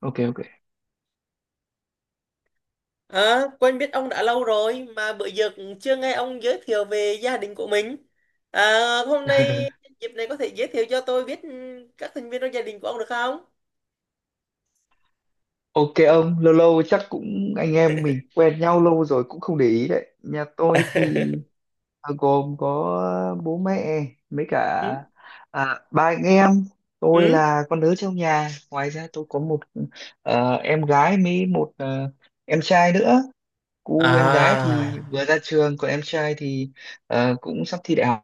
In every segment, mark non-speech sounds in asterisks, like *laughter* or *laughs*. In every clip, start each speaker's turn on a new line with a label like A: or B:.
A: OK. OK.
B: Quen biết ông đã lâu rồi mà bữa giờ cũng chưa nghe ông giới thiệu về gia đình của mình. À, hôm nay
A: *laughs*
B: dịp này có thể giới thiệu cho tôi biết các thành viên trong gia đình của ông được không?
A: OK ông, lâu lâu chắc cũng, anh em mình quen nhau lâu rồi cũng không để ý đấy. Nhà tôi thì
B: *laughs*
A: gồm có bố mẹ, mấy cả
B: Ừ.
A: ba anh em. Tôi
B: Ừ.
A: là con lớn trong nhà, ngoài ra tôi có một em gái với một em trai nữa. Cô em gái
B: À,
A: thì vừa ra trường, còn em trai thì cũng sắp thi đại học.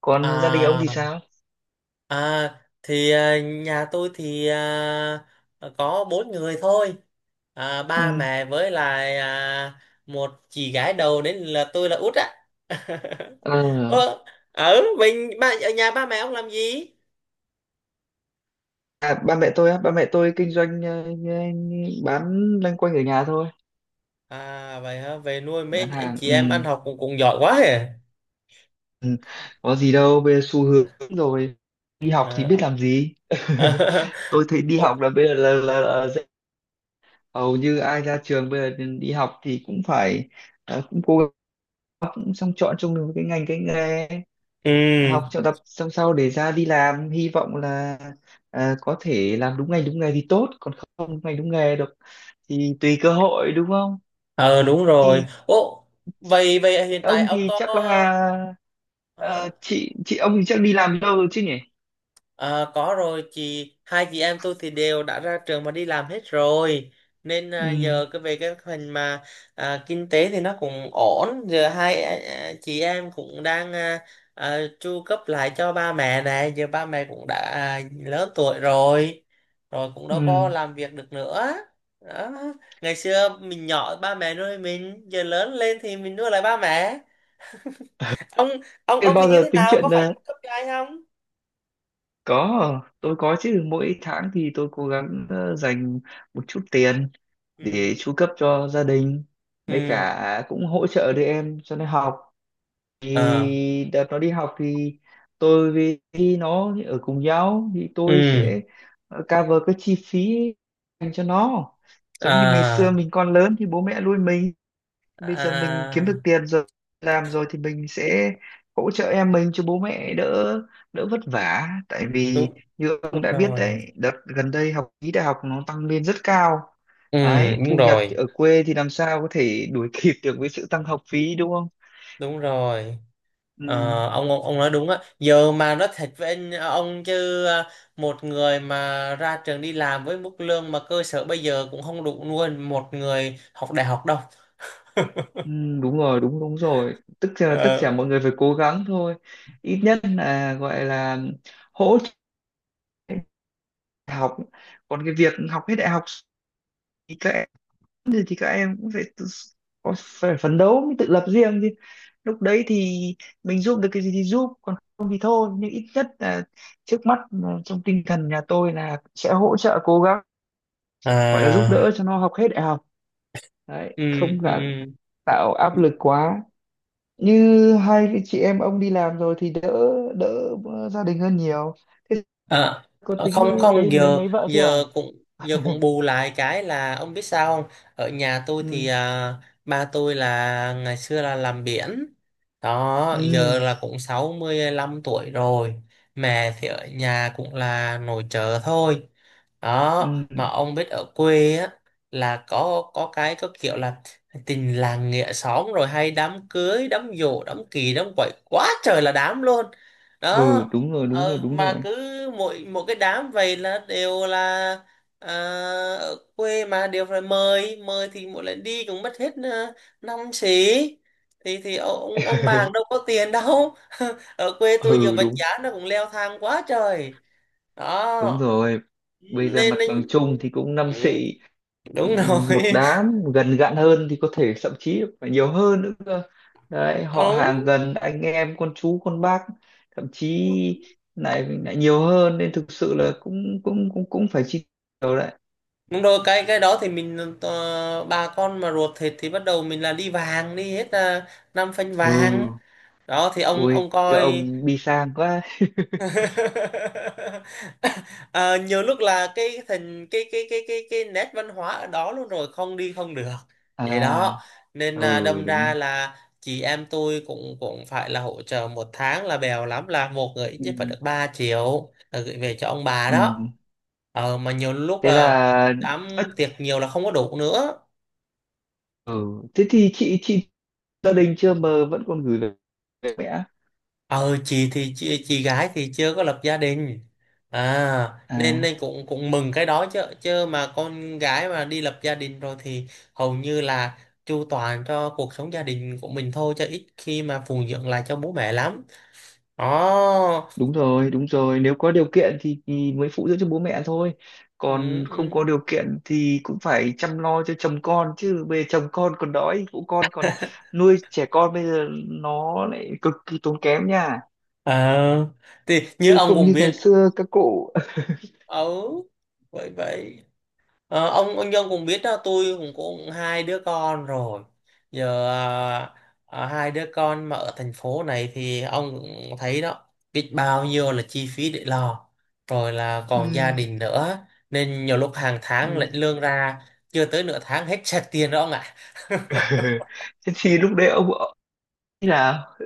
A: Còn gia đình ông
B: à,
A: thì sao?
B: Nhà tôi thì có bốn người thôi. Ba mẹ với lại một chị gái đầu nên là tôi là út á. *laughs*
A: Ừ.
B: Ờ, ở mình ba ở nhà, ba mẹ ông làm gì?
A: À, ba mẹ tôi á, ba mẹ tôi kinh doanh, bán loanh quanh ở nhà thôi,
B: À vậy hả? Nuôi
A: bán
B: mấy anh
A: hàng.
B: chị
A: Ừ,
B: em ăn học cũng cũng giỏi quá hề.
A: có gì đâu, bây giờ xu hướng rồi. Đi học thì biết
B: À.
A: làm gì? *laughs*
B: *laughs*
A: Tôi thấy đi
B: Ồ.
A: học là bây giờ là dễ. Hầu như ai ra trường bây giờ đi học thì cũng phải cũng cố gắng, xong chọn chung được cái ngành cái nghề,
B: Ừ.
A: học cho tập xong sau để ra đi làm, hy vọng là có thể làm đúng ngành đúng nghề thì tốt, còn không đúng ngành đúng nghề được thì tùy cơ hội, đúng không?
B: Ờ đúng rồi. Ồ, vậy vậy hiện tại
A: Ông
B: ông
A: thì
B: có,
A: chắc là
B: hả?
A: chị ông thì chắc đi làm lâu rồi chứ nhỉ?
B: Ờ, có rồi, chị hai chị em tôi thì đều đã ra trường mà đi làm hết rồi, nên
A: Ừ.
B: giờ cái về cái phần mà kinh tế thì nó cũng ổn. Giờ hai chị em cũng đang chu cấp lại cho ba mẹ này. Giờ ba mẹ cũng đã lớn tuổi rồi, rồi cũng đâu có
A: Ừ.
B: làm việc được nữa đó. Ngày xưa mình nhỏ ba mẹ nuôi mình, giờ lớn lên thì mình nuôi lại ba mẹ. ông ông
A: Thế
B: ông thì
A: bao
B: như
A: giờ
B: thế
A: tính
B: nào, có
A: chuyện
B: phải chu cấp cho ai không?
A: có, tôi có chứ. Mỗi tháng thì tôi cố gắng dành một chút tiền
B: Ừ.
A: để chu cấp cho gia đình, với
B: Ừ.
A: cả cũng hỗ trợ đứa em cho nó học.
B: Ờ.
A: Thì đợt nó đi học thì tôi với nó ở cùng nhau thì tôi sẽ
B: Ừ.
A: cover cái chi phí dành cho nó, giống như ngày xưa
B: À.
A: mình còn lớn thì bố mẹ nuôi mình, bây giờ mình kiếm được
B: À
A: tiền rồi, làm rồi thì mình sẽ hỗ trợ em mình cho bố mẹ đỡ đỡ vất vả, tại vì
B: đúng
A: như
B: đúng
A: ông đã biết
B: rồi.
A: đấy, đợt gần đây học phí đại học nó tăng lên rất cao.
B: Ừ
A: Đấy,
B: đúng
A: thu nhập thì
B: rồi,
A: ở quê thì làm sao có thể đuổi *laughs* kịp được với sự tăng học phí, đúng không?
B: đúng rồi.
A: Ừ.
B: Ờ, ông nói đúng á. Giờ mà nói thật với anh ông chứ một người mà ra trường đi làm với mức lương mà cơ sở bây giờ cũng không đủ nuôi một người học đại học đâu.
A: Ừ. Đúng rồi, đúng đúng rồi. Tức là tất cả
B: Ờ.
A: mọi người phải cố gắng thôi, ít nhất là gọi là hỗ trợ học. Còn cái việc học hết đại học thì các, thì các em cũng phải tự, phải phấn đấu mới tự lập riêng chứ. Lúc đấy thì mình giúp được cái gì thì giúp, còn không thì thôi, nhưng ít nhất là trước mắt là trong tinh thần nhà tôi là sẽ hỗ trợ cố gắng gọi là giúp
B: À.
A: đỡ cho nó học hết đại học. Đấy,
B: Ừ.
A: không
B: Ừ.
A: là tạo áp lực quá. Như hai cái chị em ông đi làm rồi thì đỡ, đỡ gia đình hơn nhiều. Thế
B: À,
A: có tính
B: không không
A: lấy lấy
B: giờ,
A: lấy vợ chưa à?
B: giờ cũng bù lại cái là ông biết sao không. Ở nhà tôi thì
A: Ừ.
B: ba tôi là ngày xưa là làm biển đó,
A: Ừ.
B: giờ là cũng 65 tuổi rồi. Mẹ thì ở nhà cũng là nội trợ thôi đó. Mà
A: Ừ.
B: ông biết ở quê á là có cái có kiểu là tình làng nghĩa xóm, rồi hay đám cưới, đám giỗ, đám kỳ, đám quậy, quá trời là đám luôn đó.
A: Ừ. Đúng rồi. Đúng rồi.
B: Ờ,
A: Đúng rồi.
B: mà cứ mỗi một cái đám vậy là đều là à, ở quê mà đều phải mời. Mời thì mỗi lần đi cũng mất hết năm xí, thì ông bà đâu có tiền đâu. *laughs* Ở quê tôi giờ
A: Ừ.
B: vật
A: Đúng.
B: giá nó cũng leo thang quá trời
A: Đúng
B: đó.
A: rồi. Bây giờ
B: nên,
A: mặt
B: nên
A: bằng chung thì cũng năm
B: ừ,
A: xị,
B: đúng
A: một
B: rồi. *laughs*
A: đám gần gặn hơn thì có thể thậm chí phải nhiều hơn nữa cơ. Đấy, họ hàng
B: Ông
A: gần anh em con chú con bác thậm chí lại lại nhiều hơn, nên thực sự là cũng cũng cũng cũng phải chi nhiều đấy.
B: đúng rồi, cái đó thì mình bà con mà ruột thịt thì bắt đầu mình là đi vàng đi hết, là năm phanh
A: Ừ.
B: vàng đó. Thì
A: Ui
B: ông
A: các
B: coi.
A: ông đi sang quá.
B: *laughs* Ờ, nhiều lúc là cái thành cái nét văn hóa ở đó luôn rồi, không đi không được vậy đó.
A: À.
B: Nên là
A: Ừ,
B: đâm
A: đúng
B: ra
A: rồi.
B: là chị em tôi cũng cũng phải là hỗ trợ một tháng là bèo lắm, là một người ít
A: Ừ.
B: nhất phải được 3 triệu là gửi về cho ông bà đó.
A: Ừ.
B: Ờ, mà nhiều lúc
A: Thế
B: là
A: là.
B: đám tiệc nhiều là không có đủ nữa.
A: Ừ. Thế thì chị gia đình chưa mà vẫn còn gửi về, mẹ.
B: Chị gái thì chưa có lập gia đình à, nên
A: À,
B: nên cũng cũng mừng cái đó chứ. Chứ mà con gái mà đi lập gia đình rồi thì hầu như là chu toàn cho cuộc sống gia đình của mình thôi, chứ ít khi mà phụng dưỡng lại cho bố mẹ lắm đó.
A: đúng rồi, đúng rồi, nếu có điều kiện thì, mới phụ dưỡng cho bố mẹ thôi,
B: Ừ.
A: còn không có
B: Ừ.
A: điều kiện thì cũng phải chăm lo cho chồng con chứ. Bây giờ chồng con còn đói phụ con còn nuôi trẻ con, bây giờ nó lại cực kỳ tốn kém nha,
B: À thì như
A: chứ
B: ông
A: không
B: cũng
A: như ngày
B: biết.
A: xưa các cụ.
B: Ừ. vậy vậy ờ, ông Nhân cũng biết đó, tôi cũng cũng hai đứa con rồi giờ. Hai đứa con mà ở thành phố này thì ông cũng thấy đó, biết bao nhiêu là chi phí để lo, rồi là
A: *laughs*
B: còn gia
A: Ừ.
B: đình nữa, nên nhiều lúc hàng tháng
A: Ừ.
B: lĩnh lương ra chưa tới nửa tháng hết sạch tiền đó ông ạ.
A: *laughs* Thế thì lúc đấy ông thế nào?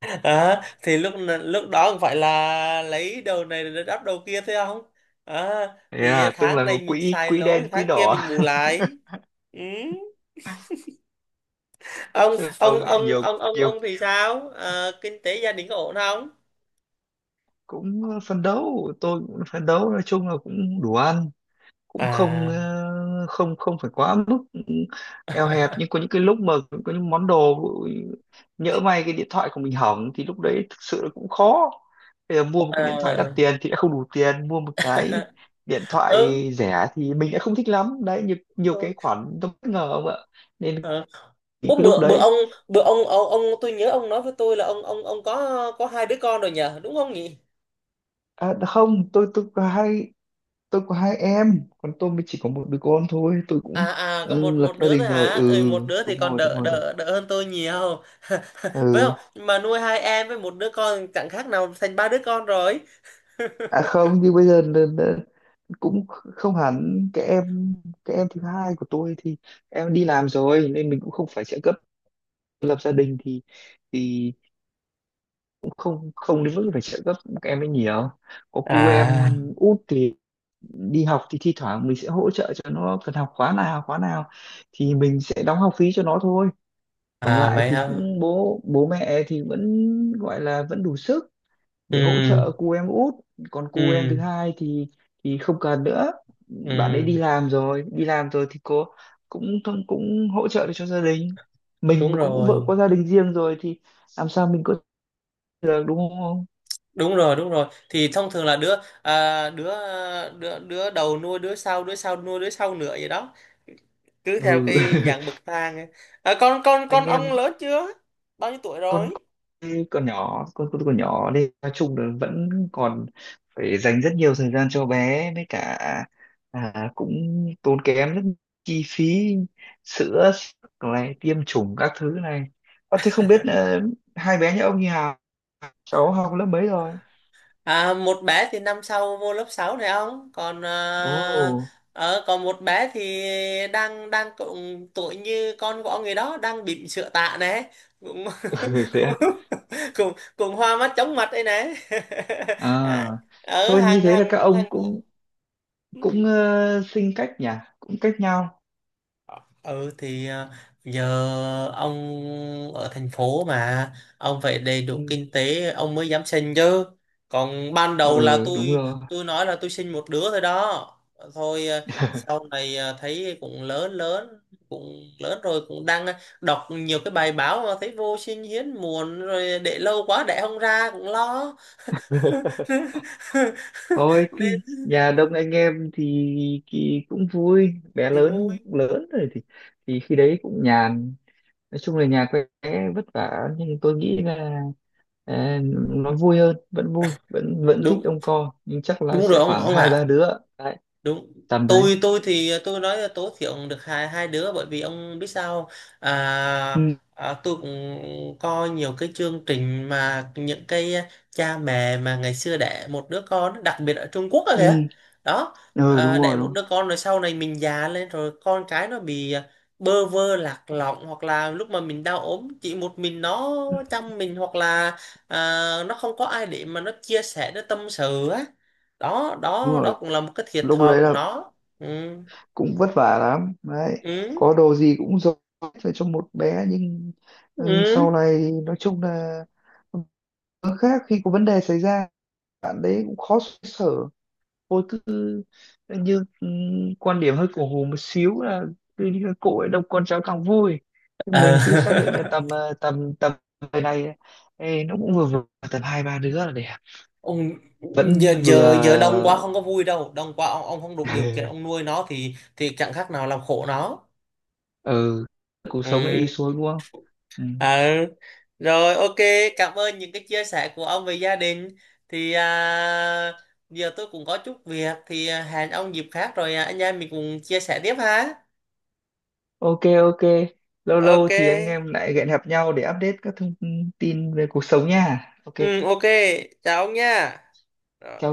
B: *laughs* Đó, thì lúc lúc đó không phải là lấy đầu này để đắp đầu kia thôi không. Đó,
A: Thế
B: thì
A: là tức
B: tháng
A: là có
B: này mình
A: quỹ,
B: xài
A: quỹ
B: lỗ thì
A: đen quỹ
B: tháng kia
A: đỏ.
B: mình bù
A: *laughs*
B: lại. Ừ. ông
A: Tức là ông
B: ông
A: ấy
B: ông
A: nhiều,
B: ông ông
A: nhiều
B: ông thì sao? Ờ, kinh tế gia đình có ổn không?
A: cũng phấn đấu, tôi cũng phấn đấu, nói chung là cũng đủ ăn, cũng không
B: À.
A: không không phải quá mức eo hẹp, nhưng có những cái lúc mà có những món đồ nhỡ may cái điện thoại của mình hỏng thì lúc đấy thực sự là cũng khó. Bây giờ mua một cái điện thoại đắt
B: Ờ.
A: tiền thì đã không đủ tiền, mua một cái
B: *laughs*
A: điện thoại
B: Ừ.
A: rẻ thì mình đã không thích lắm. Đấy, nhiều cái khoản nó bất ngờ ông ạ, nên
B: Ờ.
A: những
B: Ủa,
A: cái lúc
B: bữa
A: đấy.
B: bữa ông tôi nhớ ông nói với tôi là ông có hai đứa con rồi nhờ, đúng không nhỉ?
A: À không, tôi có hai, tôi có hai em, còn tôi mới chỉ có một đứa con thôi, tôi cũng.
B: À, có
A: Ừ,
B: một,
A: lập gia
B: đứa
A: đình
B: thôi
A: rồi.
B: hả.
A: Ừ.
B: Ừ, một đứa thì
A: Đúng
B: còn
A: rồi. Đúng
B: đỡ
A: rồi. Đúng.
B: đỡ đỡ hơn tôi nhiều. *laughs* Phải không?
A: Ừ.
B: Nhưng mà nuôi hai em với một đứa con chẳng khác nào thành ba đứa con rồi.
A: À không, nhưng bây giờ là cũng không hẳn cái em, cái em thứ hai của tôi thì em đi làm rồi nên mình cũng không phải trợ cấp, lập gia đình thì thì cũng không không đến mức phải trợ cấp các em ấy nhiều. Có cu em
B: À.
A: út thì đi học thì thi thoảng mình sẽ hỗ trợ cho nó, cần học khóa nào thì mình sẽ đóng học phí cho nó thôi. Còn
B: À
A: lại
B: vậy
A: thì
B: hả.
A: cũng bố bố mẹ thì vẫn gọi là vẫn đủ sức để hỗ
B: Ừ.
A: trợ cu em út. Còn cu em thứ
B: Ừ.
A: hai thì không cần nữa, bạn ấy
B: Ừ
A: đi làm rồi, thì cô cũng cũng cũng hỗ trợ được cho gia đình mình,
B: đúng
A: cũng cũng vợ
B: rồi
A: có gia đình riêng rồi thì làm sao mình có được, đúng không?
B: đúng rồi đúng rồi, thì thông thường là đứa à, đứa đứa đầu nuôi đứa sau, đứa sau nuôi đứa sau nữa vậy đó, cứ theo
A: Ừ.
B: cái dạng bậc thang ấy. À, con
A: *laughs*
B: con con
A: Anh em.
B: ông lớn chưa, bao nhiêu tuổi
A: con
B: rồi?
A: con nhỏ, con nhỏ đi, nói chung là vẫn còn phải dành rất nhiều thời gian cho bé, với cả cũng tốn kém rất chi phí, sữa sức này, tiêm chủng các thứ này. Thế không biết hai bé nhà ông như Hà cháu học lớp mấy rồi?
B: À, một bé thì năm sau vô lớp 6 này ông, còn
A: Ồ.
B: còn một bé thì đang đang cũng tuổi như con của ông người đó, đang bỉm sữa tạ này cũng. *laughs*
A: *laughs* Thế à?
B: cùng cùng hoa mắt chóng mặt đây này. *laughs*
A: À
B: À, ở
A: thôi, như
B: hàng
A: thế là các
B: hàng
A: ông
B: hàng
A: cũng
B: Ừ.
A: cũng sinh cách nhỉ, cũng cách nhau.
B: Ừ thì ờ, giờ ông ở thành phố mà, ông phải đầy đủ
A: Ừ.
B: kinh tế ông mới dám sinh chứ. Còn ban đầu là
A: Ừ, đúng
B: tôi
A: rồi.
B: tôi nói là tôi sinh một đứa thôi đó. Thôi, sau này thấy cũng lớn lớn, cũng lớn rồi cũng đang đọc nhiều cái bài báo mà thấy vô sinh hiếm muộn, rồi để lâu quá đẻ không ra cũng lo. *laughs*
A: *laughs* Thôi cái
B: Nên
A: nhà đông anh em thì, cũng vui, bé
B: thì
A: lớn
B: vui.
A: lớn rồi thì khi đấy cũng nhàn. Nói chung là nhà quê vất vả nhưng tôi nghĩ là à, nó vui hơn, vẫn vui, vẫn vẫn thích
B: Đúng,
A: đông co nhưng chắc là
B: đúng rồi
A: sẽ khoảng
B: ông
A: hai
B: ạ.
A: ba đứa đấy,
B: Đúng,
A: tầm đấy.
B: tôi thì tôi nói là tối thiểu được hai hai đứa, bởi vì ông biết sao không?
A: Ừ.
B: à, tôi cũng coi nhiều cái chương trình mà những cái cha mẹ mà ngày xưa đẻ một đứa con đặc biệt ở Trung Quốc đó kìa
A: Ừ.
B: đó.
A: Ừ.
B: À,
A: Đúng
B: đẻ
A: rồi. Đúng
B: một
A: rồi.
B: đứa con rồi sau này mình già lên rồi con cái nó bị bơ vơ lạc lõng, hoặc là lúc mà mình đau ốm chỉ một mình nó
A: Ừ.
B: chăm mình, hoặc là à, nó không có ai để mà nó chia sẻ nó tâm sự á đó.
A: Đúng
B: Đó
A: rồi,
B: cũng là một cái thiệt
A: lúc
B: thòi
A: đấy
B: của
A: là
B: nó. Ừ.
A: cũng vất vả lắm đấy,
B: Ừ.
A: có đồ gì cũng dồn hết về cho một bé, nhưng ừ, sau
B: Ừ.
A: này nói chung là. Nó khác khi có vấn đề xảy ra, bạn đấy cũng khó xoay sở. Vô cứ như quan điểm hơi cổ hủ một xíu là cứ như cái cội đông con cháu càng vui.
B: Ờ.
A: Mình cứ xác định là
B: *laughs*
A: tầm tầm tầm người này, ê, nó cũng vừa vừa, tầm hai ba đứa là đẹp,
B: Ông giờ
A: vẫn vừa.
B: giờ giờ đông quá không có vui đâu, đông quá ông không đủ điều kiện ông
A: *laughs*
B: nuôi nó thì chẳng khác nào làm khổ nó.
A: Ừ, cuộc sống lại đi
B: Ừ.
A: xuống, đúng không? Ừ.
B: Ờ. Rồi, ok, cảm ơn những cái chia sẻ của ông về gia đình thì giờ tôi cũng có chút việc thì hẹn ông dịp khác rồi anh em mình cùng chia sẻ tiếp ha.
A: OK. OK, lâu
B: Ok.
A: lâu thì anh em lại hẹn gặp nhau để update các thông tin về cuộc sống nha. OK.
B: Ừ, ok, chào ông nha. Rồi.
A: Chào.